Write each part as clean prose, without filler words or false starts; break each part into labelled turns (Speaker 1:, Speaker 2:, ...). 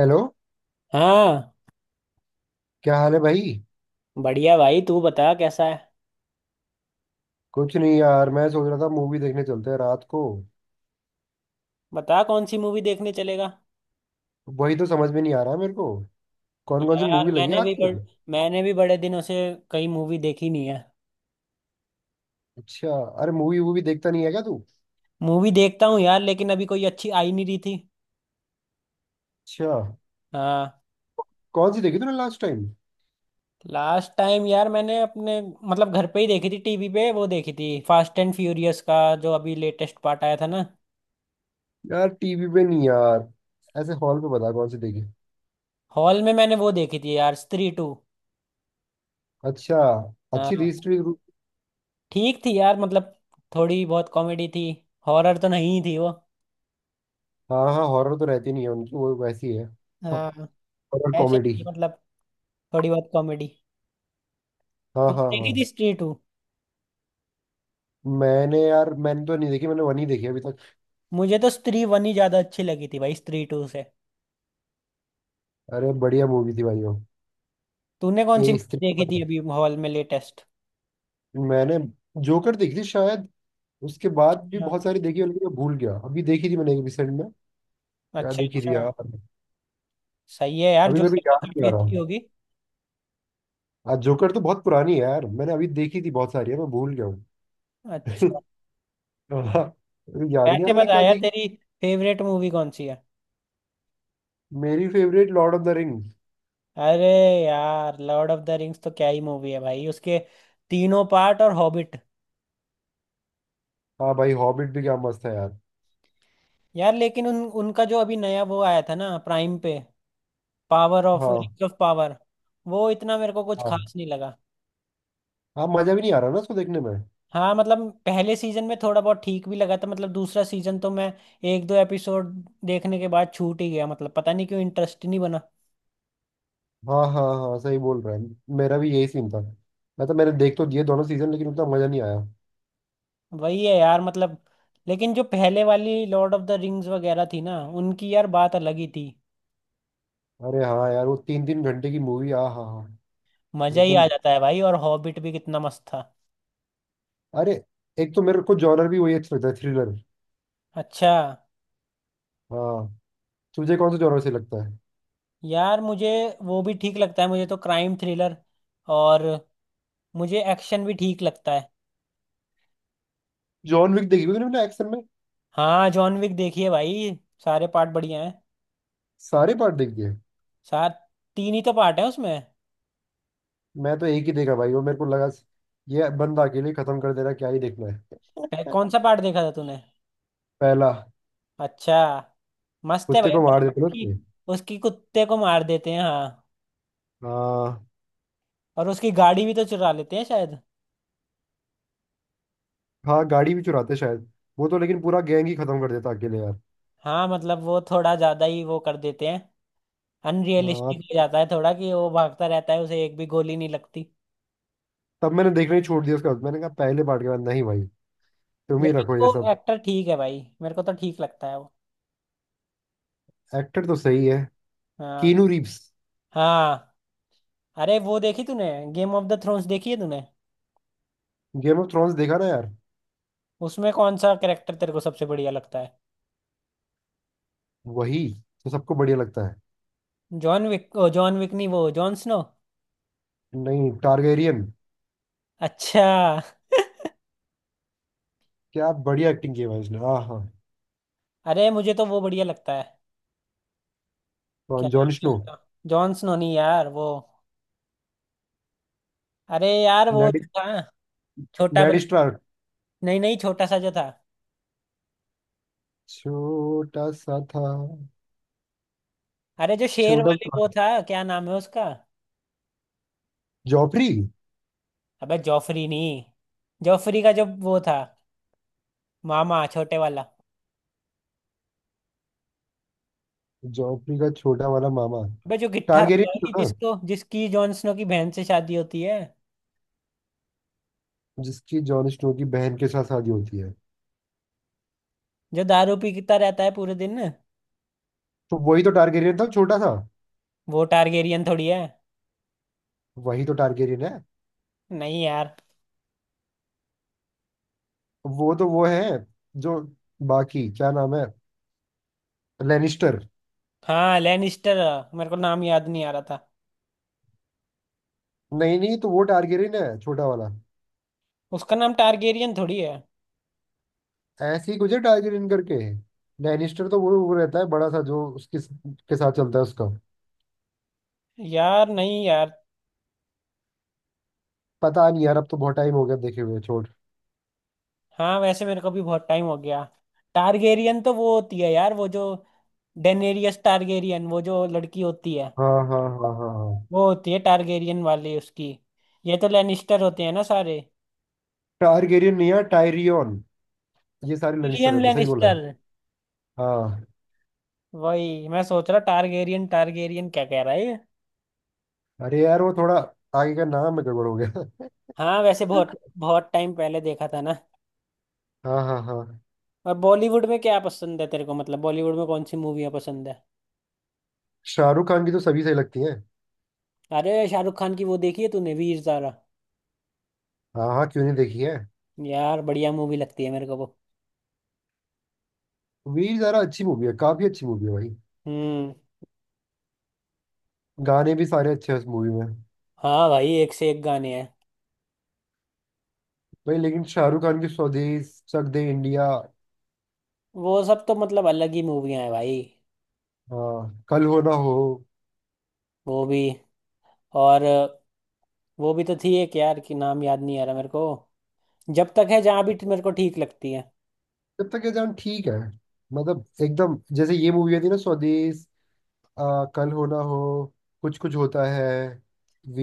Speaker 1: Hello.
Speaker 2: हाँ,
Speaker 1: क्या हाल है भाई?
Speaker 2: बढ़िया भाई। तू बता कैसा है?
Speaker 1: कुछ नहीं यार, मैं सोच रहा था मूवी देखने चलते हैं रात को।
Speaker 2: बता, कौन सी मूवी देखने चलेगा?
Speaker 1: वही तो समझ में नहीं आ रहा है मेरे को। कौन कौन सी
Speaker 2: यार
Speaker 1: मूवी लगी है
Speaker 2: मैंने भी बड़
Speaker 1: आजकल?
Speaker 2: मैंने भी बड़े दिनों से कई मूवी देखी नहीं है।
Speaker 1: अच्छा। अरे मूवी वूवी देखता नहीं है क्या तू?
Speaker 2: मूवी देखता हूँ यार, लेकिन अभी कोई अच्छी आई नहीं रही थी।
Speaker 1: अच्छा।
Speaker 2: हाँ।
Speaker 1: कौन सी देखी तूने लास्ट टाइम?
Speaker 2: लास्ट टाइम यार मैंने अपने मतलब घर पे ही देखी थी, टीवी पे वो देखी थी, फास्ट एंड फ्यूरियस का जो अभी लेटेस्ट पार्ट आया था ना।
Speaker 1: यार टीवी पे नहीं यार, ऐसे हॉल पे बता कौन सी देखी।
Speaker 2: हॉल में मैंने वो देखी थी यार, स्त्री टू।
Speaker 1: अच्छा। अच्छी थी
Speaker 2: हाँ।
Speaker 1: हिस्ट्री?
Speaker 2: ठीक थी यार मतलब, थोड़ी बहुत कॉमेडी थी। हॉरर तो नहीं थी वो।
Speaker 1: हाँ हाँ, हॉरर तो रहती नहीं है उनकी, वो वैसी है
Speaker 2: हाँ,
Speaker 1: हॉरर
Speaker 2: ऐसे ही
Speaker 1: कॉमेडी।
Speaker 2: थी मतलब, थोड़ी बहुत कॉमेडी।
Speaker 1: हाँ
Speaker 2: तुम
Speaker 1: हाँ
Speaker 2: देखी थी
Speaker 1: हाँ।
Speaker 2: स्त्री टू?
Speaker 1: मैंने, यार मैंने तो नहीं देखी, मैंने वन ही देखी अभी तक।
Speaker 2: मुझे तो स्त्री वन ही ज्यादा अच्छी लगी थी भाई, स्त्री टू से।
Speaker 1: अरे बढ़िया मूवी थी भाई वो।
Speaker 2: तूने कौन
Speaker 1: ए
Speaker 2: सी
Speaker 1: स्त्री।
Speaker 2: देखी थी अभी हॉल में लेटेस्ट?
Speaker 1: मैंने जोकर देखी थी शायद। उसके बाद भी
Speaker 2: हाँ।
Speaker 1: बहुत सारी देखी है लेकिन मैं भूल गया अभी देखी थी मैंने रिसेंट में। क्या
Speaker 2: अच्छा,
Speaker 1: देखी
Speaker 2: अच्छा।
Speaker 1: थी यार,
Speaker 2: सही है यार,
Speaker 1: अभी मैं भी
Speaker 2: जोकर तो
Speaker 1: याद नहीं
Speaker 2: काफी
Speaker 1: आ रहा
Speaker 2: अच्छी
Speaker 1: हूँ।
Speaker 2: होगी।
Speaker 1: आज जोकर तो बहुत पुरानी है यार, मैंने अभी देखी थी बहुत सारी है मैं भूल गया हूँ।
Speaker 2: अच्छा।
Speaker 1: हाँ, अभी याद ही नहीं आ
Speaker 2: वैसे
Speaker 1: रहा मैंने
Speaker 2: बता
Speaker 1: क्या
Speaker 2: यार,
Speaker 1: देखी।
Speaker 2: तेरी फेवरेट मूवी कौन सी है?
Speaker 1: मेरी favourite Lord of the Rings.
Speaker 2: अरे यार, लॉर्ड ऑफ द रिंग्स तो क्या ही मूवी है भाई। उसके तीनों पार्ट और हॉबिट।
Speaker 1: हाँ भाई, हॉबिट भी क्या मस्त है यार।
Speaker 2: यार, लेकिन उन उनका जो अभी नया वो आया था ना प्राइम पे, पावर ऑफ
Speaker 1: हाँ।
Speaker 2: रिंग्स ऑफ पावर, वो इतना मेरे को कुछ
Speaker 1: हाँ,
Speaker 2: खास नहीं लगा।
Speaker 1: हाँ मजा भी नहीं आ रहा ना उसको देखने में।
Speaker 2: हाँ मतलब पहले सीजन में थोड़ा बहुत ठीक भी लगा था। मतलब दूसरा सीजन तो मैं एक दो एपिसोड देखने के बाद छूट ही गया। मतलब पता नहीं क्यों इंटरेस्ट नहीं बना।
Speaker 1: हाँ हाँ हाँ, सही बोल रहा है। मेरा भी यही सीन था। मैं तो, मैंने देख तो दिए दोनों सीजन लेकिन उतना मजा नहीं आया।
Speaker 2: वही है यार मतलब। लेकिन जो पहले वाली लॉर्ड ऑफ द रिंग्स वगैरह थी ना, उनकी यार बात अलग ही थी।
Speaker 1: अरे हाँ यार, वो तीन तीन घंटे की मूवी। आ हाँ हाँ।
Speaker 2: मजा ही आ
Speaker 1: लेकिन
Speaker 2: जाता है भाई। और हॉबिट भी कितना मस्त था।
Speaker 1: अरे, एक तो मेरे को जॉनर भी वही अच्छा लगता है, थ्रिलर।
Speaker 2: अच्छा।
Speaker 1: हाँ। तुझे कौन सा जॉनर से लगता है?
Speaker 2: यार मुझे वो भी ठीक लगता है। मुझे तो क्राइम थ्रिलर और मुझे एक्शन भी ठीक लगता है।
Speaker 1: जॉन विक देखी? क्योंकि मैंने एक्शन में।
Speaker 2: हाँ, जॉन विक देखिए भाई। सारे पार्ट बढ़िया हैं।
Speaker 1: सारे पार्ट देख दिए?
Speaker 2: सात तीन ही तो पार्ट है उसमें।
Speaker 1: मैं तो एक ही देखा भाई, वो मेरे को लगा ये बंदा अकेले ही खत्म कर देना क्या ही देखना है।
Speaker 2: कौन सा पार्ट देखा था तूने?
Speaker 1: पहला।
Speaker 2: अच्छा। मस्त है
Speaker 1: कुत्ते
Speaker 2: भाई,
Speaker 1: को
Speaker 2: पर
Speaker 1: मार देते ना
Speaker 2: उसकी
Speaker 1: उसके।
Speaker 2: उसकी कुत्ते को मार देते हैं। हाँ,
Speaker 1: हाँ।
Speaker 2: और उसकी गाड़ी भी तो चुरा लेते हैं शायद।
Speaker 1: हाँ, गाड़ी भी चुराते शायद। वो तो लेकिन पूरा गैंग ही खत्म कर देता अकेले यार।
Speaker 2: हाँ मतलब वो थोड़ा ज्यादा ही वो कर देते हैं।
Speaker 1: हाँ।
Speaker 2: अनरियलिस्टिक हो जाता है थोड़ा, कि वो भागता रहता है उसे एक भी गोली नहीं लगती।
Speaker 1: तब मैंने देखना ही छोड़ दिया उसका, मैंने कहा पहले पार्ट के बाद नहीं भाई, तुम ही
Speaker 2: लेकिन
Speaker 1: रखो ये
Speaker 2: वो
Speaker 1: सब।
Speaker 2: एक्टर ठीक है भाई, मेरे को तो ठीक लगता है वो।
Speaker 1: एक्टर तो सही है।
Speaker 2: हाँ,
Speaker 1: कीनू रीव्स।
Speaker 2: हाँ। अरे वो देखी तूने, गेम ऑफ द थ्रोन्स देखी है तूने?
Speaker 1: गेम ऑफ थ्रोन्स देखा ना यार।
Speaker 2: उसमें कौन सा कैरेक्टर तेरे को सबसे बढ़िया लगता है?
Speaker 1: वही तो सबको बढ़िया लगता है।
Speaker 2: जॉन विक, ओ जॉन विक नहीं, वो जॉन स्नो।
Speaker 1: नहीं, टारगेरियन।
Speaker 2: अच्छा।
Speaker 1: क्या बढ़िया एक्टिंग की है भाई उसने। हाँ हाँ।
Speaker 2: अरे मुझे तो वो बढ़िया लगता है।
Speaker 1: तो
Speaker 2: क्या नाम
Speaker 1: जॉन
Speaker 2: है
Speaker 1: स्नो।
Speaker 2: उसका? जॉन स्नो नहीं यार, वो अरे यार वो
Speaker 1: नेड।
Speaker 2: जो था, छोटा
Speaker 1: नेड
Speaker 2: बन
Speaker 1: स्टार्क।
Speaker 2: नहीं, नहीं, छोटा सा जो था।
Speaker 1: छोटा सा था।
Speaker 2: अरे जो शेर
Speaker 1: छोटा
Speaker 2: वाले
Speaker 1: सा।
Speaker 2: वो था। क्या नाम है उसका?
Speaker 1: जॉफरी।
Speaker 2: अबे जॉफरी नहीं। जॉफरी का जो वो था, मामा छोटे वाला।
Speaker 1: जॉफरी का छोटा वाला मामा।
Speaker 2: अबे जो गिट्ठा था
Speaker 1: टारगेरियन
Speaker 2: भाई,
Speaker 1: था ना,
Speaker 2: जिसको जिसकी जॉन स्नो की बहन से शादी होती है,
Speaker 1: जिसकी जॉन स्नो की बहन के साथ शादी होती है।
Speaker 2: जो दारू पीता रहता है पूरे दिन।
Speaker 1: तो वही तो टारगेरियन था छोटा सा।
Speaker 2: वो टारगेरियन थोड़ी है।
Speaker 1: वही तो टारगेरियन है।
Speaker 2: नहीं यार।
Speaker 1: वो तो वो है जो। बाकी क्या नाम है? लेनिस्टर।
Speaker 2: हाँ, लैनिस्टर। मेरे को नाम याद नहीं आ रहा था।
Speaker 1: नहीं नहीं, तो वो टारगेरियन है छोटा वाला।
Speaker 2: उसका नाम टारगेरियन थोड़ी है।
Speaker 1: ऐसे ही कुछ है टाइगर इन करके। लैनिस्टर तो वो रहता है बड़ा सा, जो उसके के साथ चलता है उसका।
Speaker 2: यार नहीं यार।
Speaker 1: पता नहीं यार, अब तो बहुत टाइम हो गया देखे हुए, छोड़।
Speaker 2: हाँ, वैसे मेरे को भी बहुत टाइम हो गया। टारगेरियन तो वो होती है यार, वो जो डेनेरियस टारगेरियन, वो जो लड़की होती है।
Speaker 1: हाँ हाँ हाँ हाँ हाँ।
Speaker 2: वो होती है टारगेरियन वाली उसकी। ये तो लेनिस्टर होते हैं ना सारे।
Speaker 1: टारगेरियन नहीं यार, टायरियन। ये सारे लैनिस्टर
Speaker 2: टिरियन
Speaker 1: रहते हैं, सही बोला है।
Speaker 2: लेनिस्टर।
Speaker 1: हाँ।
Speaker 2: वही मैं सोच रहा, टारगेरियन टारगेरियन क्या कह रहा है ये।
Speaker 1: अरे यार वो थोड़ा आगे का नाम में गड़बड़ हो गया।
Speaker 2: हाँ, वैसे बहुत बहुत टाइम पहले देखा था ना।
Speaker 1: हाँ हाँ हाँ।
Speaker 2: और बॉलीवुड में क्या पसंद है तेरे को, मतलब बॉलीवुड में कौन सी मूवियाँ पसंद है?
Speaker 1: शाहरुख खान की तो सभी सही लगती है।
Speaker 2: अरे शाहरुख खान की वो देखी है तूने, वीर ज़ारा?
Speaker 1: हाँ हाँ, क्यों नहीं देखी है।
Speaker 2: यार, बढ़िया मूवी लगती है मेरे को वो।
Speaker 1: वीर ज़ारा अच्छी मूवी है, काफी अच्छी मूवी है भाई।
Speaker 2: हम्म।
Speaker 1: गाने भी सारे अच्छे हैं उस मूवी में।
Speaker 2: हाँ भाई, एक से एक गाने हैं।
Speaker 1: भाई लेकिन शाहरुख खान की स्वदेश, चक दे इंडिया।
Speaker 2: वो सब तो मतलब अलग ही मूवियां हैं भाई।
Speaker 1: हाँ, कल हो ना हो।
Speaker 2: वो भी। और वो भी तो थी एक यार, की नाम याद नहीं आ रहा मेरे को, जब तक है जहां भी, मेरे को ठीक लगती है।
Speaker 1: जब तक ये जान ठीक है। मतलब एकदम जैसे ये मूवी थी ना, स्वदेश, आ, कल हो ना हो, कुछ कुछ होता है,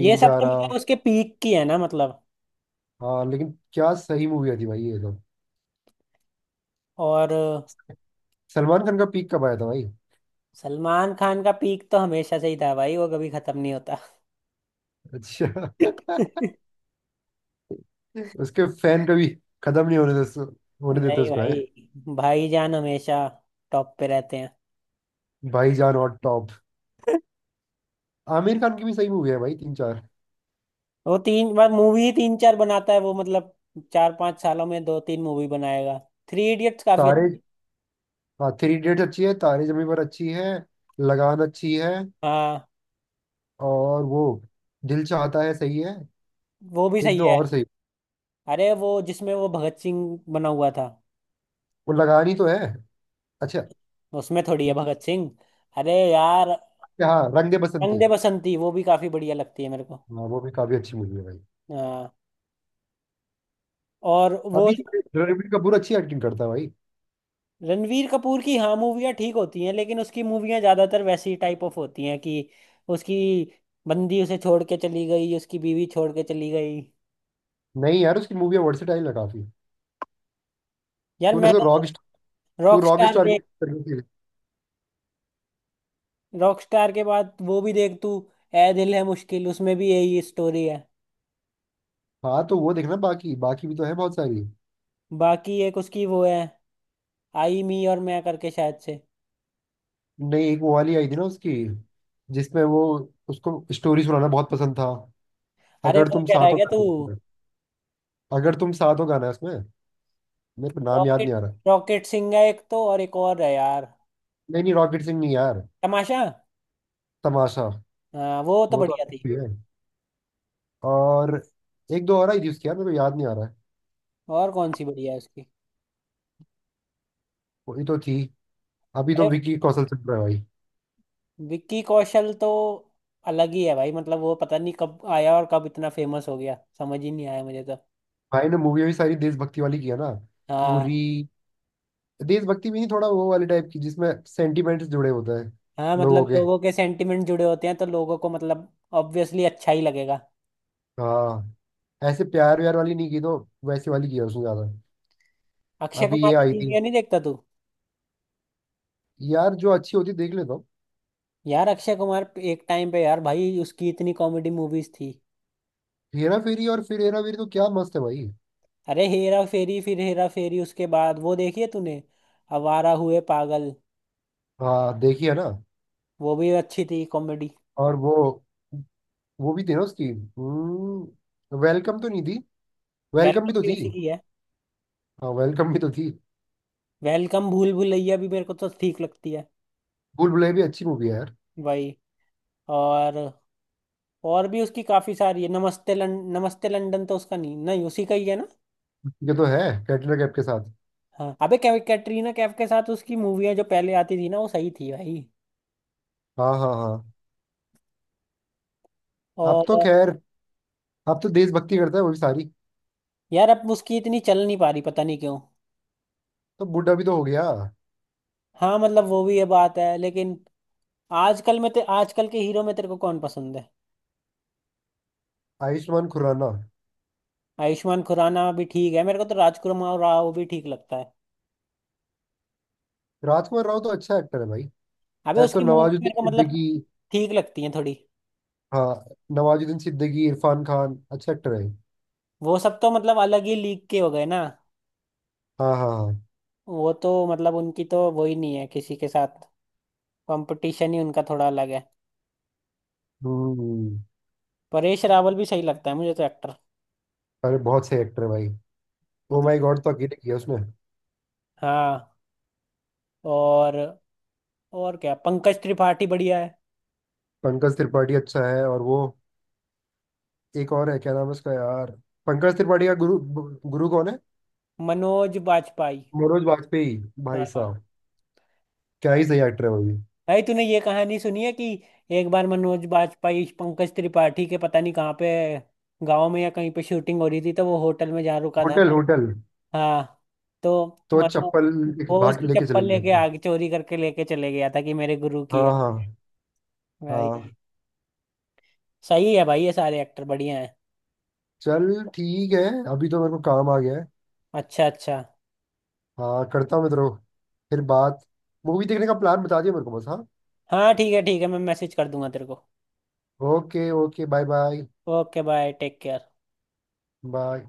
Speaker 2: ये सब तो
Speaker 1: जारा।
Speaker 2: मतलब उसके पीक की है ना मतलब।
Speaker 1: हाँ लेकिन क्या सही मूवी थी भाई ये तो।
Speaker 2: और
Speaker 1: सलमान खान का पीक कब आया था भाई?
Speaker 2: सलमान खान का पीक तो हमेशा से ही था भाई, वो कभी खत्म नहीं होता।
Speaker 1: अच्छा। उसके फैन कभी खत्म नहीं होने देते, होने देते
Speaker 2: नहीं
Speaker 1: उसको है।
Speaker 2: भाई, भाईजान हमेशा टॉप पे रहते हैं।
Speaker 1: भाईजान और टॉप। आमिर खान की भी सही मूवी है भाई, तीन चार।
Speaker 2: वो तीन बार मूवी ही तीन चार बनाता है वो मतलब, 4-5 सालों में दो तीन मूवी बनाएगा। थ्री इडियट्स काफी
Speaker 1: तारे।
Speaker 2: अच्छा।
Speaker 1: हाँ, थ्री इडियट्स अच्छी है, तारे जमीन पर अच्छी है, लगान अच्छी है।
Speaker 2: हाँ,
Speaker 1: और वो दिल चाहता है सही है।
Speaker 2: वो भी
Speaker 1: एक
Speaker 2: सही
Speaker 1: दो
Speaker 2: है।
Speaker 1: और सही।
Speaker 2: अरे वो जिसमें वो भगत सिंह बना हुआ था,
Speaker 1: वो लगानी तो है। अच्छा।
Speaker 2: उसमें थोड़ी है भगत सिंह। अरे यार,
Speaker 1: हाँ, रंग दे
Speaker 2: रंग
Speaker 1: बसंती।
Speaker 2: दे बसंती, वो भी काफी बढ़िया लगती है मेरे को।
Speaker 1: हाँ वो भी काफी अच्छी मूवी है भाई।
Speaker 2: हाँ। और वो
Speaker 1: अभी तो रणबीर कपूर अच्छी एक्टिंग करता है भाई।
Speaker 2: रणवीर कपूर की हाँ मूवियाँ ठीक होती हैं, लेकिन उसकी मूवियाँ ज्यादातर वैसी टाइप ऑफ होती हैं कि उसकी बंदी उसे छोड़ के चली गई, उसकी बीवी छोड़ के चली गई।
Speaker 1: नहीं यार, उसकी मूवी वर्सेटाइल है काफी।
Speaker 2: यार
Speaker 1: तूने तो
Speaker 2: मैंने तो
Speaker 1: रॉक। तू रॉक
Speaker 2: रॉकस्टार
Speaker 1: स्टार की
Speaker 2: देख
Speaker 1: तरफ से-।
Speaker 2: रॉकस्टार के बाद वो भी देख तू, ए दिल है मुश्किल, उसमें भी यही स्टोरी है।
Speaker 1: हाँ, तो वो देखना, बाकी बाकी भी तो है बहुत सारी।
Speaker 2: बाकी एक उसकी वो है, आई मी और मैं करके शायद से।
Speaker 1: नहीं एक वो वाली आई थी ना उसकी, जिसमें वो उसको स्टोरी सुनाना बहुत पसंद था।
Speaker 2: अरे
Speaker 1: अगर
Speaker 2: वो
Speaker 1: तुम
Speaker 2: कह रहा
Speaker 1: साथ
Speaker 2: है
Speaker 1: हो
Speaker 2: क्या तू?
Speaker 1: गाना है। अगर तुम साथ हो गाना है उसमें। मेरे को नाम याद
Speaker 2: रॉकेट
Speaker 1: नहीं आ रहा।
Speaker 2: रॉकेट सिंह है एक तो, और एक और है यार,
Speaker 1: नहीं नहीं, रॉकेट सिंह नहीं यार।
Speaker 2: तमाशा।
Speaker 1: तमाशा।
Speaker 2: हाँ वो तो
Speaker 1: वो तो
Speaker 2: बढ़िया
Speaker 1: अलग
Speaker 2: थी।
Speaker 1: भी है। और एक दो और आई थी उसकी यार, मेरे को याद नहीं आ रहा है।
Speaker 2: और कौन सी बढ़िया है उसकी?
Speaker 1: वो ये तो थी। अभी तो
Speaker 2: अरे
Speaker 1: विकी कौशल चल रहा है भाई।
Speaker 2: विक्की कौशल तो अलग ही है भाई। मतलब वो पता नहीं कब आया और कब इतना फेमस हो गया, समझ ही नहीं आया मुझे तो।
Speaker 1: भाई ने मूवी भी सारी देशभक्ति वाली किया ना। पूरी
Speaker 2: हाँ।
Speaker 1: देशभक्ति भी नहीं, थोड़ा वो वाले टाइप की जिसमें सेंटिमेंट्स जुड़े होते हैं।
Speaker 2: हाँ
Speaker 1: लोगों
Speaker 2: मतलब
Speaker 1: के।
Speaker 2: लोगों के सेंटिमेंट जुड़े होते हैं, तो लोगों को मतलब ऑब्वियसली अच्छा ही लगेगा।
Speaker 1: हाँ। ऐसे प्यार व्यार वाली नहीं की तो, वैसे वाली की है उसने ज्यादा।
Speaker 2: अक्षय
Speaker 1: अभी
Speaker 2: कुमार
Speaker 1: ये आई
Speaker 2: की
Speaker 1: थी।
Speaker 2: मूवियाँ नहीं देखता तू?
Speaker 1: यार जो अच्छी होती देख लेता हूँ।
Speaker 2: यार अक्षय कुमार, एक टाइम पे यार भाई उसकी इतनी कॉमेडी मूवीज थी।
Speaker 1: हेरा फेरी और फिर हेरा फेरी तो क्या मस्त है भाई।
Speaker 2: अरे हेरा फेरी, फिर हेरा फेरी, उसके बाद वो देखी है तूने, आवारा हुए पागल?
Speaker 1: हाँ देखी है ना।
Speaker 2: वो भी अच्छी थी कॉमेडी।
Speaker 1: और वो भी थी ना उसकी। वेलकम तो नहीं थी? वेलकम
Speaker 2: वेलकम
Speaker 1: भी तो
Speaker 2: भी
Speaker 1: थी।
Speaker 2: उसी की है।
Speaker 1: हाँ वेलकम भी तो थी।
Speaker 2: वेलकम, भूल भुलैया भी मेरे को तो ठीक लगती है।
Speaker 1: भूल भुलैया भी अच्छी मूवी है यार।
Speaker 2: भाई। और और भी उसकी काफी सारी है, नमस्ते लंदन तो उसका, नहीं नहीं उसी का ही है ना।
Speaker 1: ये तो है, कैटरीना कैफ के साथ।
Speaker 2: हाँ, अबे कैटरीना कैफ के साथ उसकी मूवियाँ जो पहले आती थी ना, वो सही थी भाई।
Speaker 1: हाँ हाँ हाँ। अब तो
Speaker 2: और
Speaker 1: खैर, अब तो देशभक्ति करता है वो भी सारी।
Speaker 2: यार अब उसकी इतनी चल नहीं पा रही, पता नहीं क्यों।
Speaker 1: तो बूढ़ा भी तो हो गया।
Speaker 2: हाँ मतलब वो भी ये बात है, लेकिन आजकल के हीरो में तेरे को कौन पसंद है?
Speaker 1: आयुष्मान खुराना।
Speaker 2: आयुष्मान खुराना भी ठीक है, मेरे को तो राजकुमार राव भी ठीक लगता है।
Speaker 1: राजकुमार राव तो अच्छा एक्टर है भाई।
Speaker 2: अबे
Speaker 1: ऐसे तो
Speaker 2: उसकी मूवी मेरे
Speaker 1: नवाजुद्दीन
Speaker 2: को मतलब
Speaker 1: सिद्दीकी।
Speaker 2: ठीक लगती है थोड़ी।
Speaker 1: हाँ। नवाजुद्दीन सिद्दीकी, इरफान खान अच्छा एक्टर है।
Speaker 2: वो सब तो मतलब अलग ही लीग के हो गए ना।
Speaker 1: हाँ हाँ हाँ।
Speaker 2: वो तो मतलब उनकी तो वो ही नहीं है किसी के साथ, कंपटीशन ही उनका थोड़ा अलग है।
Speaker 1: हम्म।
Speaker 2: परेश रावल भी सही लगता है मुझे तो एक्टर।
Speaker 1: अरे बहुत सही एक्टर है भाई। ओ
Speaker 2: मतलब
Speaker 1: माई गॉड तो अकेले किया उसने।
Speaker 2: हाँ। और और क्या, पंकज त्रिपाठी बढ़िया है।
Speaker 1: पंकज त्रिपाठी अच्छा है। और वो, एक और है, क्या नाम है उसका यार, पंकज त्रिपाठी का गुरु। गुरु कौन है?
Speaker 2: मनोज बाजपेयी।
Speaker 1: मनोज वाजपेयी। भाई
Speaker 2: हाँ
Speaker 1: साहब, क्या ही सही एक्टर है वो भी।
Speaker 2: भाई, तूने ये कहानी सुनी है कि एक बार मनोज बाजपेयी पंकज त्रिपाठी के, पता नहीं कहाँ पे, गांव में या कहीं पे शूटिंग हो रही थी, तो वो होटल में जा रुका था
Speaker 1: होटल
Speaker 2: ना।
Speaker 1: होटल।
Speaker 2: हाँ तो
Speaker 1: तो
Speaker 2: मतलब
Speaker 1: चप्पल एक
Speaker 2: वो
Speaker 1: भाग
Speaker 2: उसकी
Speaker 1: लेके चले
Speaker 2: चप्पल
Speaker 1: गए
Speaker 2: लेके
Speaker 1: थे।
Speaker 2: आगे चोरी करके लेके चले गया था कि मेरे गुरु की
Speaker 1: हाँ
Speaker 2: है।
Speaker 1: हाँ
Speaker 2: भाई,
Speaker 1: हाँ।
Speaker 2: सही है भाई, ये सारे एक्टर बढ़िया हैं।
Speaker 1: चल ठीक है, अभी तो मेरे को काम आ गया है।
Speaker 2: अच्छा, अच्छा।
Speaker 1: हाँ, करता हूँ मैं तेरे को फिर बात। मूवी देखने का प्लान बता दिया मेरे को बस, हाँ।
Speaker 2: हाँ ठीक है, ठीक है, मैं मैसेज कर दूंगा तेरे को।
Speaker 1: Okay okay, bye bye.
Speaker 2: Okay, bye, take care.
Speaker 1: Bye.